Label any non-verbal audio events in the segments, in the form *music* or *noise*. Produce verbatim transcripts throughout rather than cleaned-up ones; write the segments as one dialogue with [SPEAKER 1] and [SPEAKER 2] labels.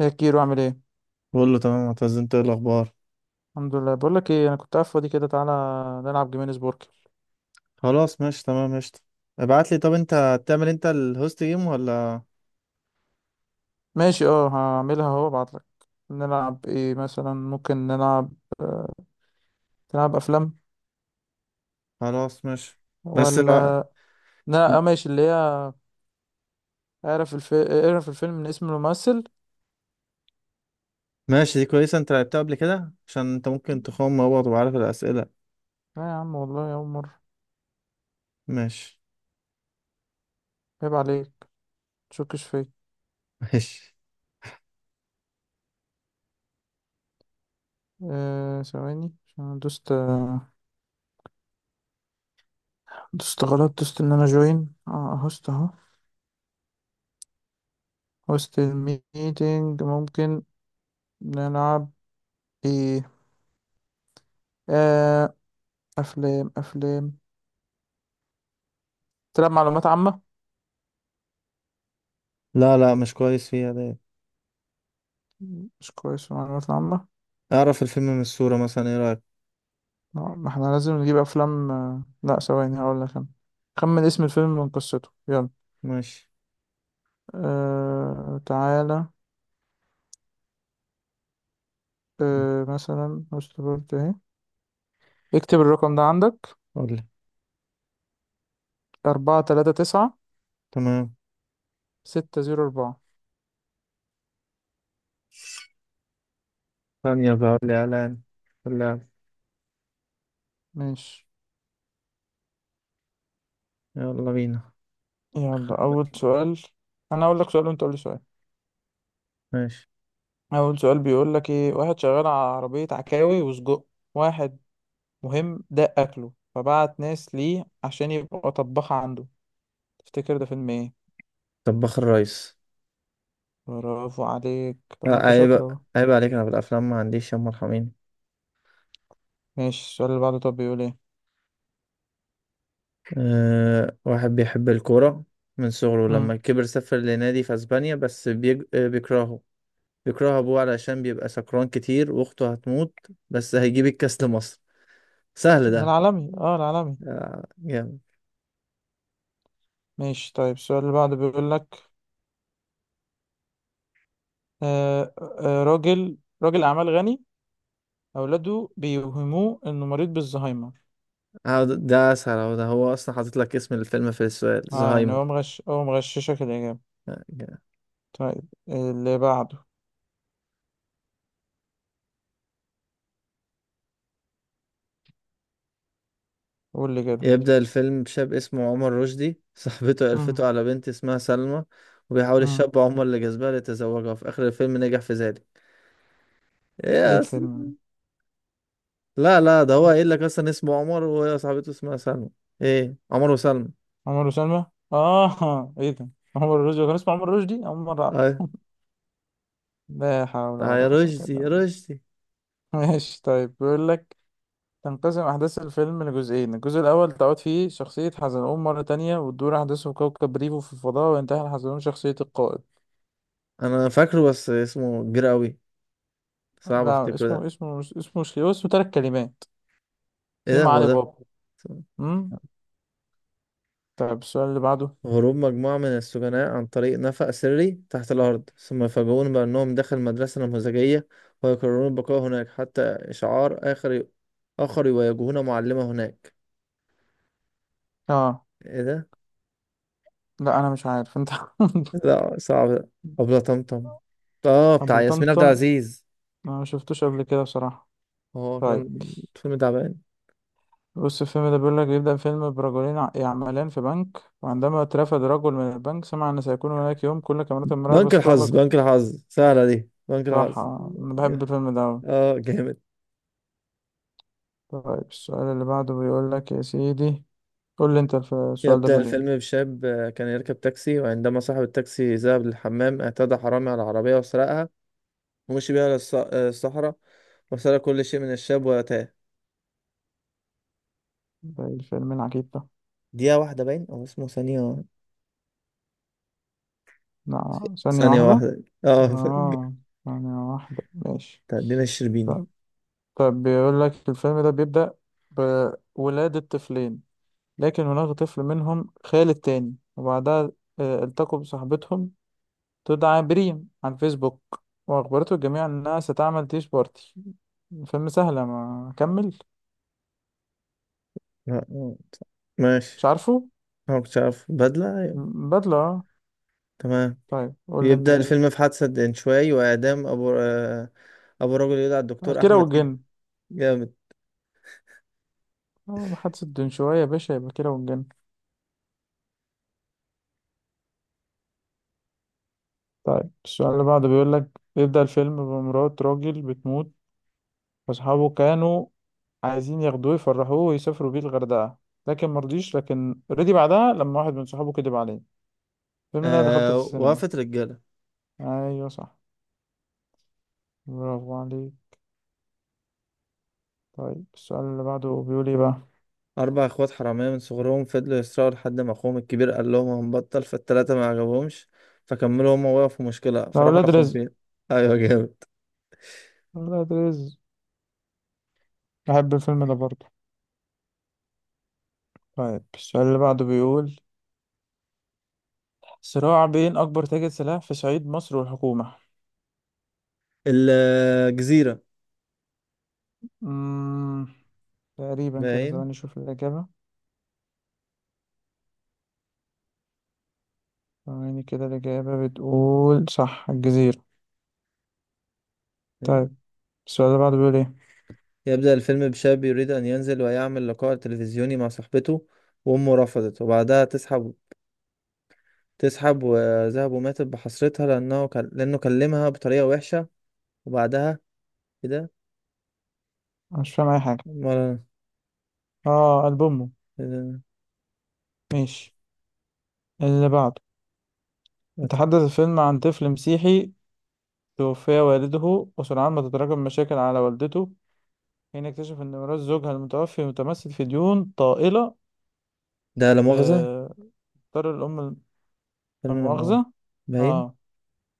[SPEAKER 1] ايه كيرو عامل ايه؟
[SPEAKER 2] بقول له تمام معتز، انت ايه الاخبار؟
[SPEAKER 1] الحمد لله. بقول لك ايه، انا كنت قاعد فاضي كده. تعالى نلعب جيمينيز بورك.
[SPEAKER 2] خلاص ماشي، تمام ماشي. ابعت لي، طب انت هتعمل، انت الهوست جيم ولا؟
[SPEAKER 1] ماشي، اه هعملها اهو، ابعت لك. نلعب ايه مثلا؟ ممكن نلعب نلعب افلام،
[SPEAKER 2] خلاص ماشي. بس بقى.
[SPEAKER 1] ولا؟ لا اه ماشي، اللي هي، اعرف الف... اعرف الفيلم من اسم الممثل.
[SPEAKER 2] ماشي، دي كويسه، انت لعبتها قبل كده عشان انت ممكن تخوم مع بعض وعارف الاسئله.
[SPEAKER 1] لا يا عم والله يا عمر،
[SPEAKER 2] ماشي.
[SPEAKER 1] عيب عليك، تشكش فيا.
[SPEAKER 2] *laughs* ماشي.
[SPEAKER 1] آه، ثواني عشان أنا دوست آه، دوست غلط دوست ان انا جوين اه هوست اهو، هوست الميتنج. ممكن نلعب ايه؟ آه، أفلام، أفلام، تلعب معلومات عامة.
[SPEAKER 2] لا لا مش كويس فيها ده.
[SPEAKER 1] مش كويس في المعلومات العامة.
[SPEAKER 2] اعرف الفيلم من الصوره مثلا، ايه رايك؟
[SPEAKER 1] لا، ما احنا لازم نجيب أفلام. آه، لا ثواني هقول لك أنا. خمن اسم الفيلم من قصته، يلا.
[SPEAKER 2] ماشي.
[SPEAKER 1] أه... تعالى. أه... مثلا افتكرت اهي. اكتب الرقم ده عندك:
[SPEAKER 2] قول لي.
[SPEAKER 1] أربعة تلاتة تسعة
[SPEAKER 2] تمام.
[SPEAKER 1] ستة زيرو أربعة
[SPEAKER 2] ثانيه بقى، قول لي اعلان اللعب،
[SPEAKER 1] ماشي،
[SPEAKER 2] يلا بينا.
[SPEAKER 1] يلا. أول سؤال. أنا أقول لك سؤال وأنت قول لي سؤال.
[SPEAKER 2] ماشي.
[SPEAKER 1] أول سؤال بيقول لك إيه: واحد شغال على عربية عكاوي وسجق، واحد مهم ده أكله، فبعت ناس ليه عشان يبقى طباخة عنده. تفتكر ده فيلم إيه؟
[SPEAKER 2] طباخ الريس.
[SPEAKER 1] برافو عليك. طب ما
[SPEAKER 2] لا
[SPEAKER 1] أنت
[SPEAKER 2] عيب،
[SPEAKER 1] شاطر أهو.
[SPEAKER 2] عيب عليك، انا في الافلام ما عنديش يا مرحمين.
[SPEAKER 1] ماشي، السؤال اللي بعده طب بيقول إيه؟
[SPEAKER 2] أه، واحد بيحب الكورة من صغره، لما
[SPEAKER 1] مم.
[SPEAKER 2] كبر سافر لنادي في أسبانيا، بس بيج... آه، بيكرهه. بيكره أبوه علشان بيبقى سكران كتير، وأخته هتموت، بس هيجيب الكاس لمصر. سهل
[SPEAKER 1] ده
[SPEAKER 2] ده.
[SPEAKER 1] العالمي، أه العالمي.
[SPEAKER 2] آه، جامد.
[SPEAKER 1] ماشي طيب، السؤال اللي بعده بيقول لك: آه آه آه، راجل راجل أعمال غني، أولاده بيوهموه إنه مريض بالزهايمر.
[SPEAKER 2] آه، ده أسهل أهو، ده هو أصلا حاطط لك اسم الفيلم في السؤال،
[SPEAKER 1] أه يعني هو
[SPEAKER 2] زهايمر.
[SPEAKER 1] مغش هو مغششك الإجابة.
[SPEAKER 2] آه، جامد.
[SPEAKER 1] طيب اللي بعده. قول لي كده.
[SPEAKER 2] يبدأ الفيلم بشاب اسمه عمر رشدي *laughs* صاحبته قرفته
[SPEAKER 1] مم.
[SPEAKER 2] على بنت اسمها سلمى، وبيحاول
[SPEAKER 1] مم.
[SPEAKER 2] الشاب عمر اللي جذبها ليتزوجها، وفي آخر الفيلم نجح في ذلك. إيه
[SPEAKER 1] إيه
[SPEAKER 2] يا أس-
[SPEAKER 1] الفيلم
[SPEAKER 2] لا لا ده هو
[SPEAKER 1] ده؟
[SPEAKER 2] قايل لك اصلا اسمه عمر وهي صاحبته اسمها سلمى. ايه، عمر وسلمى.
[SPEAKER 1] عمر وسلمى. اه، ايه ده، عمر الرشدي كان اسمه عمر الرشدي، اول مرة اعرف.
[SPEAKER 2] ايوه.
[SPEAKER 1] *laughs* لا حول
[SPEAKER 2] اه
[SPEAKER 1] ولا
[SPEAKER 2] يا
[SPEAKER 1] قوة
[SPEAKER 2] رشدي
[SPEAKER 1] الا
[SPEAKER 2] يا
[SPEAKER 1] بالله.
[SPEAKER 2] رشدي.
[SPEAKER 1] ماشي طيب بيقول لك: تنقسم أحداث الفيلم لجزئين، الجزء الأول تعود فيه شخصية حزلقوم مرة تانية، وتدور أحداثه في كوكب ريفو في الفضاء، وينتحل حزلقوم شخصية القائد.
[SPEAKER 2] انا فاكره بس اسمه كبير قوي، صعب
[SPEAKER 1] لا،
[SPEAKER 2] افتكره
[SPEAKER 1] اسمه
[SPEAKER 2] ده.
[SPEAKER 1] اسمه مش، اسمه مش كده، اسمه تلات كلمات.
[SPEAKER 2] ايه ده،
[SPEAKER 1] سيما
[SPEAKER 2] هو
[SPEAKER 1] علي
[SPEAKER 2] ده.
[SPEAKER 1] بابا. امم. طيب السؤال اللي بعده.
[SPEAKER 2] هروب مجموعة من السجناء عن طريق نفق سري تحت الأرض، ثم يفاجئون بأنهم داخل مدرسة نموذجية، ويقررون البقاء هناك حتى إشعار آخر آخر، ويواجهون معلمة هناك.
[SPEAKER 1] اه،
[SPEAKER 2] إيه ده؟
[SPEAKER 1] لا أنا مش عارف أنت.
[SPEAKER 2] لا صعب ده. أبلة طمطم. آه،
[SPEAKER 1] *laughs*
[SPEAKER 2] بتاع
[SPEAKER 1] أبو
[SPEAKER 2] ياسمين عبد
[SPEAKER 1] طمطم.
[SPEAKER 2] العزيز.
[SPEAKER 1] أنا ما شفتوش قبل كده بصراحة.
[SPEAKER 2] هو
[SPEAKER 1] طيب.
[SPEAKER 2] كان فيلم تعبان.
[SPEAKER 1] بص الفيلم ده بيقول لك: يبدأ فيلم برجلين ع- يعملان في بنك، وعندما اترفد رجل من البنك سمع أن سيكون هناك يوم كل كاميرات المراقبة
[SPEAKER 2] بنك الحظ،
[SPEAKER 1] ستغلق
[SPEAKER 2] بنك
[SPEAKER 1] في
[SPEAKER 2] الحظ، سهلة دي، بنك الحظ.
[SPEAKER 1] راحة. أنا بحب الفيلم ده أوي.
[SPEAKER 2] *laughs* اه جامد.
[SPEAKER 1] طيب السؤال اللي بعده بيقول لك، يا سيدي، قول لي أنت. الف- السؤال ده
[SPEAKER 2] يبدأ
[SPEAKER 1] بيقول
[SPEAKER 2] الفيلم
[SPEAKER 1] إيه؟
[SPEAKER 2] بشاب آه، كان يركب تاكسي، وعندما صاحب التاكسي ذهب للحمام اعتدى حرامي على العربية وسرقها، ومشي بيها للص- آه، الصحراء وسرق كل شيء من الشاب وتاه.
[SPEAKER 1] ده الفيلم العجيب ده.
[SPEAKER 2] دقيقة واحدة، باين أو اسمه ثانية.
[SPEAKER 1] لا، ثانية
[SPEAKER 2] ثانية
[SPEAKER 1] واحدة.
[SPEAKER 2] واحدة. *laughs* اه ف-
[SPEAKER 1] آه، ثانية واحدة، ماشي.
[SPEAKER 2] بتاع دينا الشربيني.
[SPEAKER 1] طيب. طيب بيقول لك: الفيلم ده بيبدأ بولادة طفلين، لكن هناك طفل منهم خال التاني، وبعدها آه، التقوا بصاحبتهم تدعى بريم عن فيسبوك، وأخبرته الجميع إنها ستعمل تيش بارتي. فيلم سهلة، ما أكمل.
[SPEAKER 2] لا، آه،
[SPEAKER 1] مش
[SPEAKER 2] ماشي.
[SPEAKER 1] عارفه.
[SPEAKER 2] أنا مكنتش عارف بدلة، أيوة.
[SPEAKER 1] بدلة، آه.
[SPEAKER 2] تمام.
[SPEAKER 1] طيب قول لي أنت
[SPEAKER 2] يبدأ
[SPEAKER 1] كده.
[SPEAKER 2] الفيلم في حادثة دنشواي، وإعدام أبو آه، ابو الراجل، يدعى الدكتور
[SPEAKER 1] كيرة
[SPEAKER 2] احمد كده.
[SPEAKER 1] والجن.
[SPEAKER 2] جامد.
[SPEAKER 1] آه، محادثة دون شوية يا باشا، يبقى كيرة والجن. طيب السؤال اللي بعده بيقول لك: يبدأ الفيلم بمرات راجل بتموت، وأصحابه كانوا عايزين ياخدوه يفرحوه ويسافروا بيه الغردقة، لكن مرضيش، لكن رضي بعدها لما واحد من صحابه كدب عليه. الفيلم ده أنا دخلته
[SPEAKER 2] آه،
[SPEAKER 1] في السينما.
[SPEAKER 2] وقفت رجاله.
[SPEAKER 1] أيوة صح. برافو عليك. طيب السؤال اللي بعده بيقول ايه بقى؟
[SPEAKER 2] اربع اخوات حراميه من صغرهم فضلوا يسرقوا، لحد ما اخوهم الكبير قال لهم هنبطل، فالتلاته ما عجبهمش فكملوا هم، وقفوا مشكله
[SPEAKER 1] ده
[SPEAKER 2] فراحوا
[SPEAKER 1] ولاد
[SPEAKER 2] لاخوهم
[SPEAKER 1] رزق.
[SPEAKER 2] فين. *laughs* ايوه جامد.
[SPEAKER 1] ولاد رزق. بحب الفيلم ده برضه. طيب السؤال اللي بعده بيقول: صراع بين أكبر تاجر سلاح في صعيد مصر والحكومة.
[SPEAKER 2] الجزيره.
[SPEAKER 1] مم. تقريبا كده.
[SPEAKER 2] باين.
[SPEAKER 1] ثواني أشوف الإجابة. ثواني كده. الإجابة بتقول صح، الجزيرة. طيب السؤال اللي بعده بيقول ايه؟
[SPEAKER 2] يبدأ الفيلم بشاب يريد أن ينزل ويعمل لقاء تلفزيوني مع صاحبته، وأمه رفضت، وبعدها تسحب تسحب وذهب، وماتت بحسرتها لأنه كان لأنه كلمها بطريقة وحشة، وبعدها كده.
[SPEAKER 1] أنا مش فاهم أي حاجة.
[SPEAKER 2] مرة.
[SPEAKER 1] اه، ألبوم أمه. ماشي، اللي بعده: يتحدث الفيلم عن طفل مسيحي، توفي والده، وسرعان ما تتراكم مشاكل على والدته، حين اكتشف أن ميراث زوجها المتوفي متمثل في ديون طائلة.
[SPEAKER 2] ده لا مؤاخذة.
[SPEAKER 1] آه، اضطر الأم الم-. لا
[SPEAKER 2] فيلم لا مؤاخذة.
[SPEAKER 1] مؤاخذة.
[SPEAKER 2] باين.
[SPEAKER 1] اه.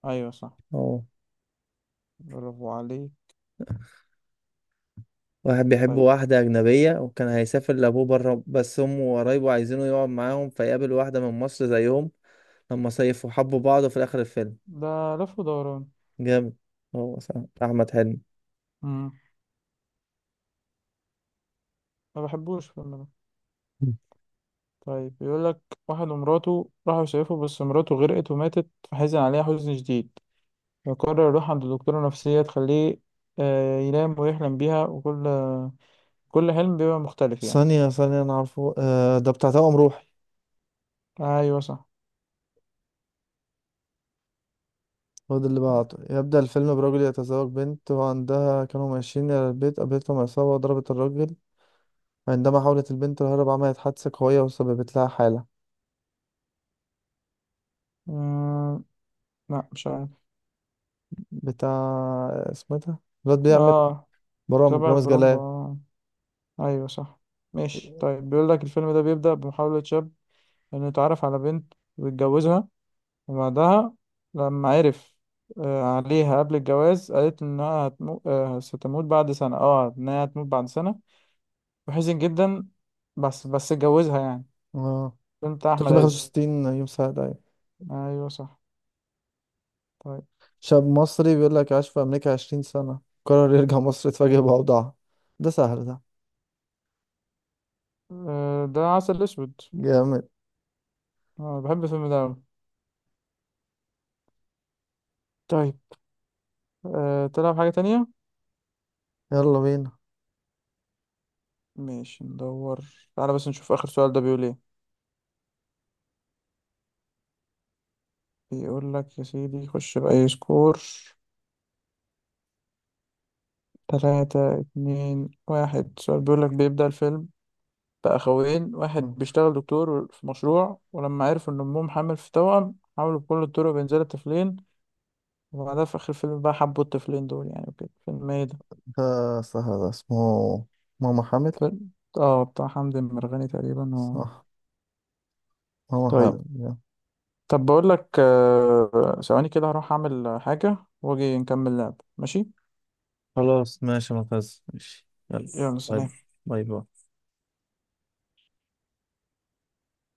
[SPEAKER 1] أيوه صح.
[SPEAKER 2] اه،
[SPEAKER 1] برافو عليك.
[SPEAKER 2] واحد بيحب
[SPEAKER 1] طيب.
[SPEAKER 2] واحدة أجنبية وكان هيسافر لأبوه برا، بس أمه وقرايبه عايزينه يقعد معاهم، فيقابل واحدة من مصر زيهم، لما صيفوا حبوا بعض في آخر الفيلم.
[SPEAKER 1] ده لف ودوران.
[SPEAKER 2] جامد. هو صح. أحمد حلمي.
[SPEAKER 1] مم. ما بحبوش الفيلم ده.
[SPEAKER 2] مم.
[SPEAKER 1] طيب بيقول لك: واحد ومراته راحوا يصيفوا، بس مراته غرقت وماتت، فحزن عليها حزن شديد، فقرر يروح عند دكتورة نفسية تخليه آه، ينام ويحلم بيها، وكل كل حلم بيبقى مختلف يعني.
[SPEAKER 2] ثانية ثانية، أنا عارفه، آه ده بتاع توأم روحي.
[SPEAKER 1] أيوه صح.
[SPEAKER 2] هو ده اللي بعته. يبدأ الفيلم برجل يتزوج بنت، وعندها كانوا ماشيين إلى البيت، قابلتهم عصابة وضربت الراجل، عندما حاولت البنت الهرب عملت حادثة قوية وسببت لها حالة.
[SPEAKER 1] مم، لا مش عارف.
[SPEAKER 2] بتاع، اسمه ايه ده، الواد بيعمل
[SPEAKER 1] اه،
[SPEAKER 2] برامج،
[SPEAKER 1] تبع
[SPEAKER 2] رامز
[SPEAKER 1] البرومبا،
[SPEAKER 2] جلال.
[SPEAKER 1] آه. ايوه صح. ماشي طيب بيقول لك: الفيلم ده بيبدأ بمحاولة شاب انه يتعرف على بنت ويتجوزها، وبعدها لما عرف آه، عليها قبل الجواز، قالت انها هتمو... آه، ستموت بعد سنة، اه انها هتموت بعد سنة، وحزن جدا، بس بس اتجوزها يعني.
[SPEAKER 2] اه.
[SPEAKER 1] بنت احمد عز.
[SPEAKER 2] ثلاثمية وخمسة وستين يوم سعد، أيوة.
[SPEAKER 1] ايوه صح. طيب.
[SPEAKER 2] شاب مصري بيقول لك عاش في أمريكا عشرين سنة، قرر يرجع مصر، يتفاجئ بأوضاعها. ده سهل ده.
[SPEAKER 1] آه، ده عسل اسود.
[SPEAKER 2] جامد.
[SPEAKER 1] اه بحب الفيلم ده أوي. طيب. أه تلعب حاجة تانية؟
[SPEAKER 2] يلا بينا.
[SPEAKER 1] ماشي ندور. تعالى بس نشوف آخر سؤال ده بيقول ايه. بيقول لك يا سيدي: خش بأي سكور. تلاتة اتنين واحد، سؤال بيقول لك: بيبدأ الفيلم بأخوين، واحد بيشتغل دكتور في مشروع، ولما عرفوا إن أمهم حامل في توأم، حاولوا بكل الطرق بينزلوا الطفلين، وبعدها في آخر الفيلم بقى حبوا الطفلين دول يعني وكده. فيلم إيه ده؟
[SPEAKER 2] ده سهل ده، اسمه ماما حامل.
[SPEAKER 1] فيلم آه، بتاع حمدي مرغني تقريبا و...
[SPEAKER 2] صح. ماما
[SPEAKER 1] طيب.
[SPEAKER 2] حامل، يلا.
[SPEAKER 1] طب بقول لك آه، ثواني كده، هروح أعمل حاجة وأجي نكمل لعب، ماشي؟
[SPEAKER 2] خلاص ماشي يا معتز، ماشي يلا.
[SPEAKER 1] يلا
[SPEAKER 2] باي.
[SPEAKER 1] سلام.
[SPEAKER 2] باي باي.